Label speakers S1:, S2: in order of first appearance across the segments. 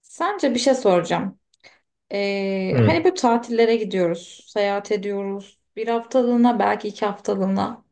S1: Sence bir şey soracağım.
S2: Hı.
S1: Hani bu tatillere gidiyoruz, seyahat ediyoruz. Bir haftalığına, belki iki haftalığına.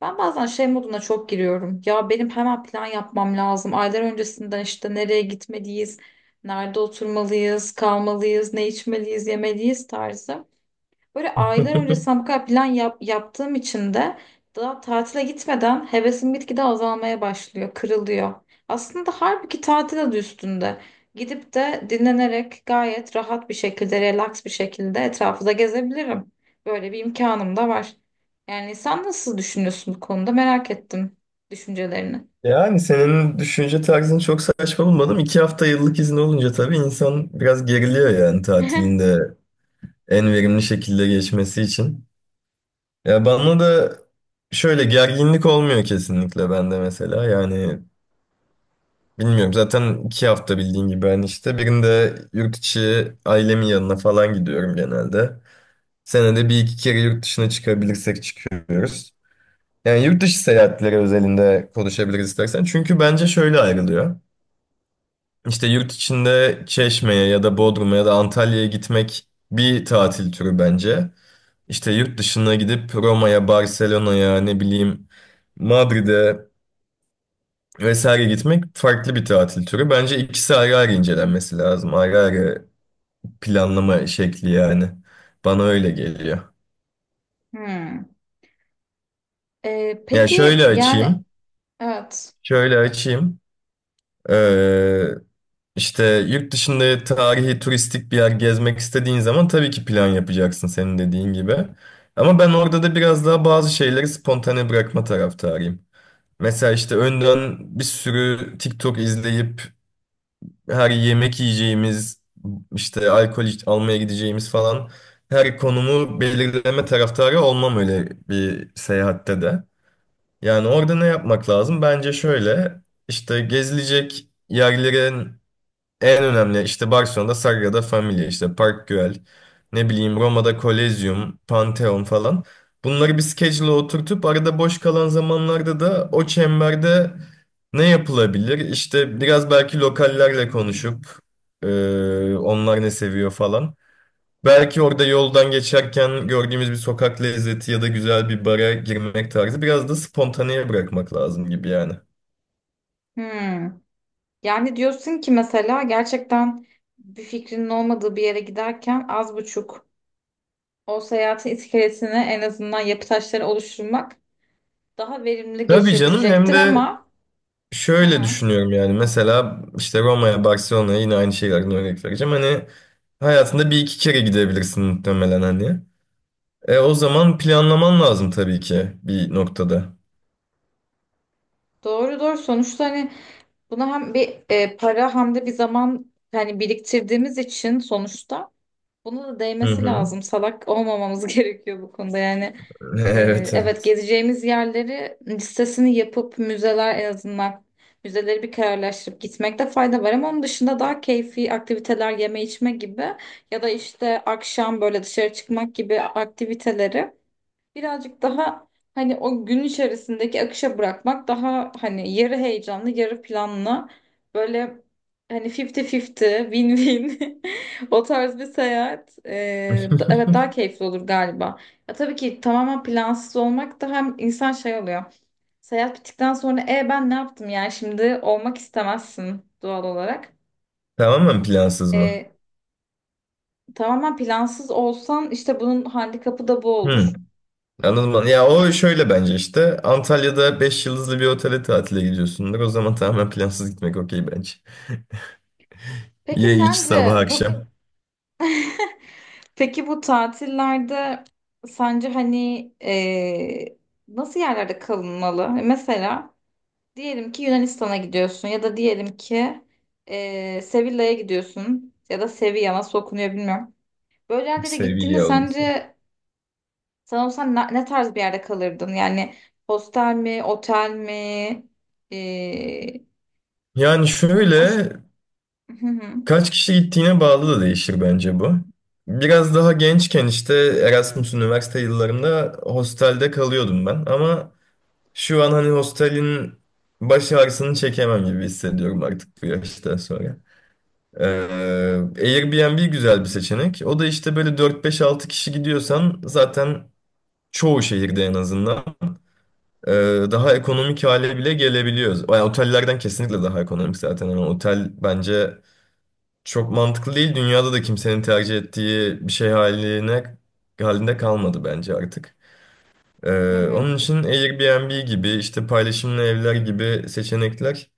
S1: Ben bazen şey moduna çok giriyorum. Ya benim hemen plan yapmam lazım. Aylar öncesinden işte nereye gitmeliyiz, nerede oturmalıyız, kalmalıyız, ne içmeliyiz, yemeliyiz tarzı. Böyle aylar öncesinden bu kadar plan yap- yaptığım için de daha tatile gitmeden hevesim gitgide azalmaya başlıyor, kırılıyor. Aslında halbuki tatil adı üstünde. Gidip de dinlenerek gayet rahat bir şekilde, relax bir şekilde etrafı da gezebilirim. Böyle bir imkanım da var. Yani sen nasıl düşünüyorsun bu konuda? Merak ettim düşüncelerini.
S2: Yani senin düşünce tarzını çok saçma bulmadım. İki hafta yıllık izin olunca tabii insan biraz geriliyor yani tatilinde en verimli şekilde geçmesi için. Ya bana da şöyle gerginlik olmuyor kesinlikle bende mesela. Yani bilmiyorum zaten iki hafta bildiğin gibi ben işte birinde yurt içi ailemin yanına falan gidiyorum genelde. Senede bir iki kere yurt dışına çıkabilirsek çıkıyoruz. Yani yurt dışı seyahatleri özelinde konuşabiliriz istersen. Çünkü bence şöyle ayrılıyor. İşte yurt içinde Çeşme'ye ya da Bodrum'a ya da Antalya'ya gitmek bir tatil türü bence. İşte yurt dışına gidip Roma'ya, Barcelona'ya, ne bileyim Madrid'e vesaire gitmek farklı bir tatil türü. Bence ikisi ayrı ayrı incelenmesi lazım. Ayrı ayrı planlama şekli yani. Bana öyle geliyor.
S1: Hmm.
S2: Ya
S1: Peki
S2: şöyle
S1: yani
S2: açayım.
S1: evet.
S2: Şöyle açayım. Ee, İşte yurt dışında tarihi turistik bir yer gezmek istediğin zaman tabii ki plan yapacaksın senin dediğin gibi. Ama ben orada da biraz daha bazı şeyleri spontane bırakma taraftarıyım. Mesela işte önden bir sürü TikTok izleyip her yemek yiyeceğimiz, işte almaya gideceğimiz falan her konumu belirleme taraftarı olmam öyle bir seyahatte de. Yani orada ne yapmak lazım? Bence şöyle işte gezilecek yerlerin en önemli işte Barcelona'da Sagrada Familia işte Park Güell ne bileyim Roma'da Kolezyum, Pantheon falan. Bunları bir schedule'a oturtup arada boş kalan zamanlarda da o çemberde ne yapılabilir? İşte biraz belki lokallerle konuşup e, onlar ne seviyor falan. Belki orada yoldan geçerken gördüğümüz bir sokak lezzeti ya da güzel bir bara girmek tarzı biraz da spontaneye bırakmak lazım gibi yani.
S1: Hmm. Yani diyorsun ki mesela gerçekten bir fikrinin olmadığı bir yere giderken az buçuk o seyahatin iskelesini, en azından yapı taşları oluşturmak daha verimli
S2: Tabii canım hem
S1: geçirtecektir
S2: de
S1: ama hı
S2: şöyle
S1: hı,
S2: düşünüyorum yani mesela işte Roma'ya, Barcelona'ya yine aynı şeylerden örnek vereceğim. Hani hayatında bir iki kere gidebilirsin muhtemelen hani. O zaman planlaman lazım tabii ki bir noktada.
S1: doğru doğru. Sonuçta hani buna hem bir para hem de bir zaman hani biriktirdiğimiz için sonuçta buna da
S2: Hı
S1: değmesi
S2: hı.
S1: lazım. Salak olmamamız gerekiyor bu konuda. Yani
S2: Evet
S1: Evet,
S2: evet.
S1: gezeceğimiz yerleri listesini yapıp müzeler, en azından müzeleri bir kararlaştırıp gitmekte fayda var, ama onun dışında daha keyfi aktiviteler, yeme içme gibi ya da işte akşam böyle dışarı çıkmak gibi aktiviteleri birazcık daha hani o gün içerisindeki akışa bırakmak daha hani yarı heyecanlı yarı planlı, böyle hani 50-50 win-win, o tarz bir evet, daha keyifli olur galiba. Ya tabii ki tamamen plansız olmak da hem insan şey oluyor. Seyahat bittikten sonra ben ne yaptım yani şimdi olmak istemezsin doğal olarak.
S2: Tamamen plansız mı?
S1: E, Tamamen plansız olsan işte bunun handikapı da bu
S2: Hı.
S1: olur.
S2: Anladım ben. Ya o şöyle bence işte Antalya'da 5 yıldızlı bir otele tatile gidiyorsundur. O zaman tamamen plansız gitmek okey bence.
S1: Peki
S2: Ye iç sabah
S1: sence bu
S2: akşam.
S1: Peki bu tatillerde sence hani eee, nasıl yerlerde kalınmalı? Mesela diyelim ki Yunanistan'a gidiyorsun ya da diyelim ki Sevilla'ya gidiyorsun, ya da Sevilla nasıl okunuyor bilmiyorum. Böyle yerlere gittiğinde
S2: Seviye olması.
S1: sence sen olsan ne tarz bir yerde kalırdın? Yani hostel mi, otel mi? Eee,
S2: Yani
S1: o
S2: şöyle
S1: ş- Hı hı,
S2: kaç kişi gittiğine bağlı da değişir bence bu. Biraz daha gençken işte Erasmus üniversite yıllarımda hostelde kalıyordum ben. Ama şu an hani hostelin baş ağrısını çekemem gibi hissediyorum artık bu yaştan sonra. Ee, Airbnb güzel bir seçenek. O da işte böyle dört beş altı kişi gidiyorsan zaten çoğu şehirde en azından ee, daha ekonomik hale bile gelebiliyoruz. Yani otellerden kesinlikle daha ekonomik zaten. Yani otel bence çok mantıklı değil. Dünyada da kimsenin tercih ettiği bir şey halinde kalmadı bence artık.
S1: hı
S2: Onun
S1: hı.
S2: için Airbnb gibi işte paylaşımlı evler gibi seçenekler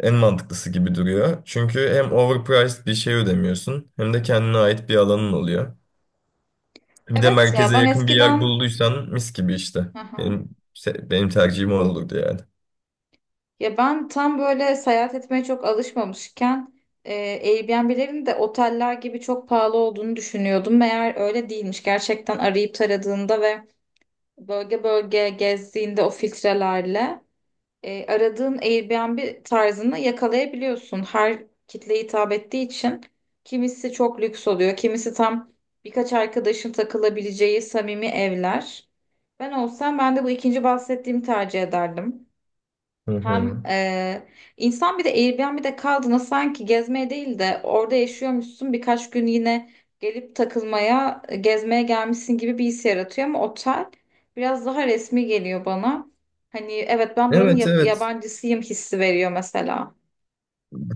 S2: en mantıklısı gibi duruyor. Çünkü hem overpriced bir şey ödemiyorsun hem de kendine ait bir alanın oluyor. Bir de
S1: Evet, ya
S2: merkeze
S1: ben
S2: yakın bir yer
S1: eskiden
S2: bulduysan mis gibi işte.
S1: hı hı.
S2: Benim benim tercihim o olurdu yani.
S1: Ya ben tam böyle seyahat etmeye çok alışmamışken e, Airbnb'lerin de oteller gibi çok pahalı olduğunu düşünüyordum. Meğer öyle değilmiş. Gerçekten arayıp taradığında ve bölge bölge gezdiğinde o filtrelerle aradığın Airbnb tarzını yakalayabiliyorsun. Her kitleye hitap ettiği için kimisi çok lüks oluyor, kimisi tam birkaç arkadaşın takılabileceği samimi evler. Ben olsam ben de bu ikinci bahsettiğimi tercih ederdim.
S2: Hı
S1: Hem
S2: hı.
S1: insan bir de Airbnb'de kaldığında sanki gezmeye değil de orada yaşıyormuşsun birkaç gün, yine gelip takılmaya, gezmeye gelmişsin gibi bir his yaratıyor, ama otel biraz daha resmi geliyor bana. Hani evet, ben buranın
S2: Evet evet.
S1: yabancısıyım hissi veriyor mesela.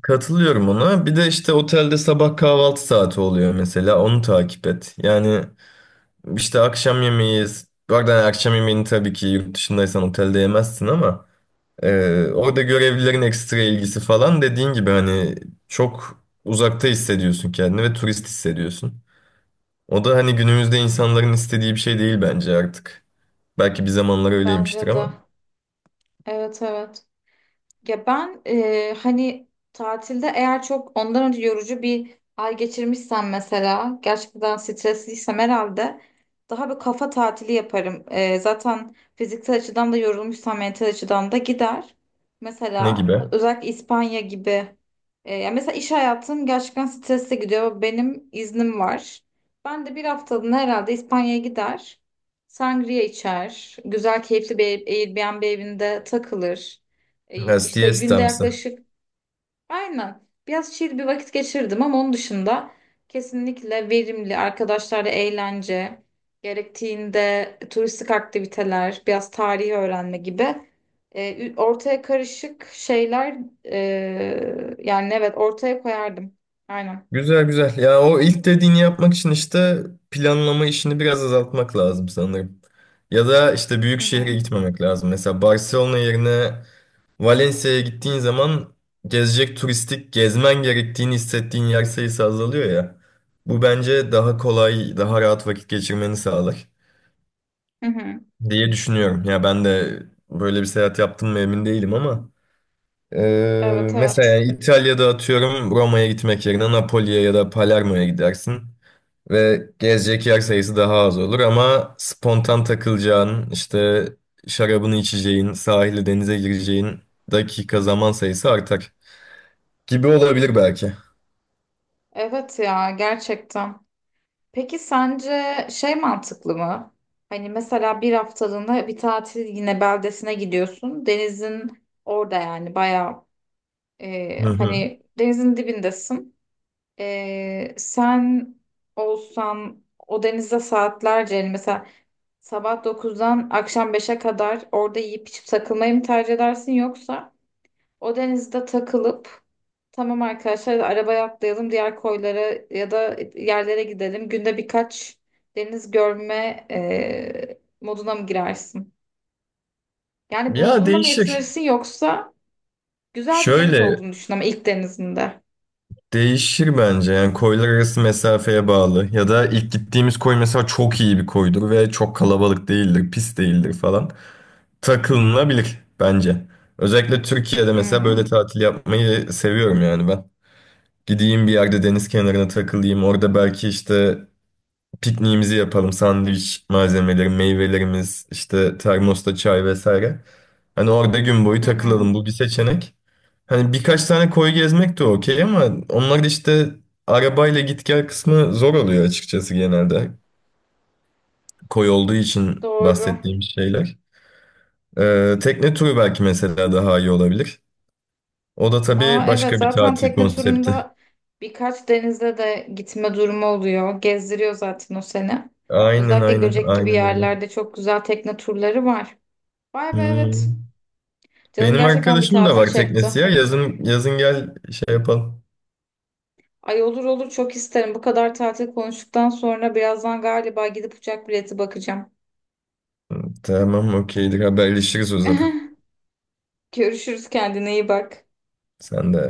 S2: Katılıyorum ona. Bir de işte otelde sabah kahvaltı saati oluyor mesela. Onu takip et. Yani işte akşam yemeği, bu arada akşam yemeğini tabii ki yurt dışındaysan otelde yemezsin ama orada görevlilerin ekstra ilgisi falan dediğin gibi hani çok uzakta hissediyorsun kendini ve turist hissediyorsun. O da hani günümüzde insanların istediği bir şey değil bence artık. Belki bir zamanlar
S1: Bence
S2: öyleymiştir
S1: de.
S2: ama
S1: Evet, evet. Ya ben hani tatilde eğer çok ondan önce yorucu bir ay geçirmişsem, mesela gerçekten stresliysem, herhalde daha bir kafa tatili yaparım. Zaten fiziksel açıdan da yorulmuşsam mental açıdan da gider.
S2: ne
S1: Mesela
S2: gibi?
S1: özellikle İspanya gibi. Ya mesela iş hayatım gerçekten stresli gidiyor. Benim iznim var. Ben de bir haftalığına herhalde İspanya'ya gider. Sangria içer. Güzel keyifli bir Airbnb evinde takılır.
S2: Ha,
S1: İşte günde
S2: siestamsı.
S1: yaklaşık aynen biraz chill bir vakit geçirdim, ama onun dışında kesinlikle verimli arkadaşlarla eğlence, gerektiğinde turistik aktiviteler, biraz tarihi öğrenme gibi ortaya karışık şeyler, yani evet, ortaya koyardım. Aynen.
S2: Güzel güzel. Ya o ilk dediğini yapmak için işte planlama işini biraz azaltmak lazım sanırım. Ya da işte büyük
S1: Hı hı.
S2: şehre gitmemek lazım. Mesela Barcelona yerine Valencia'ya gittiğin zaman gezecek turistik gezmen gerektiğini hissettiğin yer sayısı azalıyor ya. Bu bence daha kolay, daha rahat vakit geçirmeni sağlar
S1: Hı hı.
S2: diye düşünüyorum. Ya ben de böyle bir seyahat yaptım mı emin değilim ama
S1: Evet
S2: mesela
S1: evet.
S2: yani İtalya'da atıyorum Roma'ya gitmek yerine Napoli'ye ya da Palermo'ya gidersin. Ve gezecek yer sayısı daha az olur ama spontan takılacağın, işte şarabını içeceğin, sahile denize gireceğin dakika zaman sayısı artar gibi olabilir belki.
S1: Evet ya, gerçekten. Peki sence şey mantıklı mı? Hani mesela bir haftalığına bir tatil yine beldesine gidiyorsun. Denizin orada, yani bayağı
S2: Hı hı.
S1: hani denizin dibindesin. Sen olsan o denizde saatlerce, yani mesela sabah dokuzdan akşam beşe kadar orada yiyip içip takılmayı mı tercih edersin, yoksa o denizde takılıp "Tamam arkadaşlar, arabaya atlayalım, diğer koylara ya da yerlere gidelim. Günde birkaç deniz görme moduna mı girersin?" Yani
S2: Ya
S1: bulduğunla mı
S2: değişir.
S1: yetinirsin yoksa güzel bir deniz
S2: Şöyle
S1: olduğunu düşün ama ilk denizinde.
S2: değişir bence yani koylar arası mesafeye bağlı ya da ilk gittiğimiz koy mesela çok iyi bir koydur ve çok kalabalık değildir, pis değildir falan. Takılınabilir bence. Özellikle Türkiye'de mesela böyle
S1: Hmm.
S2: tatil yapmayı seviyorum yani ben. Gideyim bir yerde deniz kenarına takılayım. Orada belki işte pikniğimizi yapalım. Sandviç malzemeleri, meyvelerimiz, işte termosta çay vesaire. Hani orada gün boyu
S1: Hı hı.
S2: takılalım. Bu bir seçenek. Hani birkaç tane koy gezmek de okey ama onlar da işte arabayla git gel kısmı zor oluyor açıkçası genelde. Koy olduğu için
S1: Doğru.
S2: bahsettiğim şeyler. Tekne turu belki mesela daha iyi olabilir. O da tabii
S1: Aa, evet,
S2: başka bir
S1: zaten
S2: tatil
S1: tekne
S2: konsepti.
S1: turunda birkaç denizde de gitme durumu oluyor. Gezdiriyor zaten o seni.
S2: Aynen
S1: Özellikle
S2: aynen
S1: Göcek gibi
S2: aynen öyle.
S1: yerlerde çok güzel tekne turları var. Vay be, evet.
S2: Hmm.
S1: Canım
S2: Benim
S1: gerçekten bir
S2: arkadaşımın da
S1: tatil
S2: var
S1: çekti.
S2: teknesi ya. Yazın yazın gel şey yapalım.
S1: Ay, olur olur, çok isterim. Bu kadar tatil konuştuktan sonra birazdan galiba gidip uçak bileti bakacağım.
S2: Tamam okeydir haberleşiriz o zaman.
S1: Görüşürüz, kendine iyi bak.
S2: Sen de.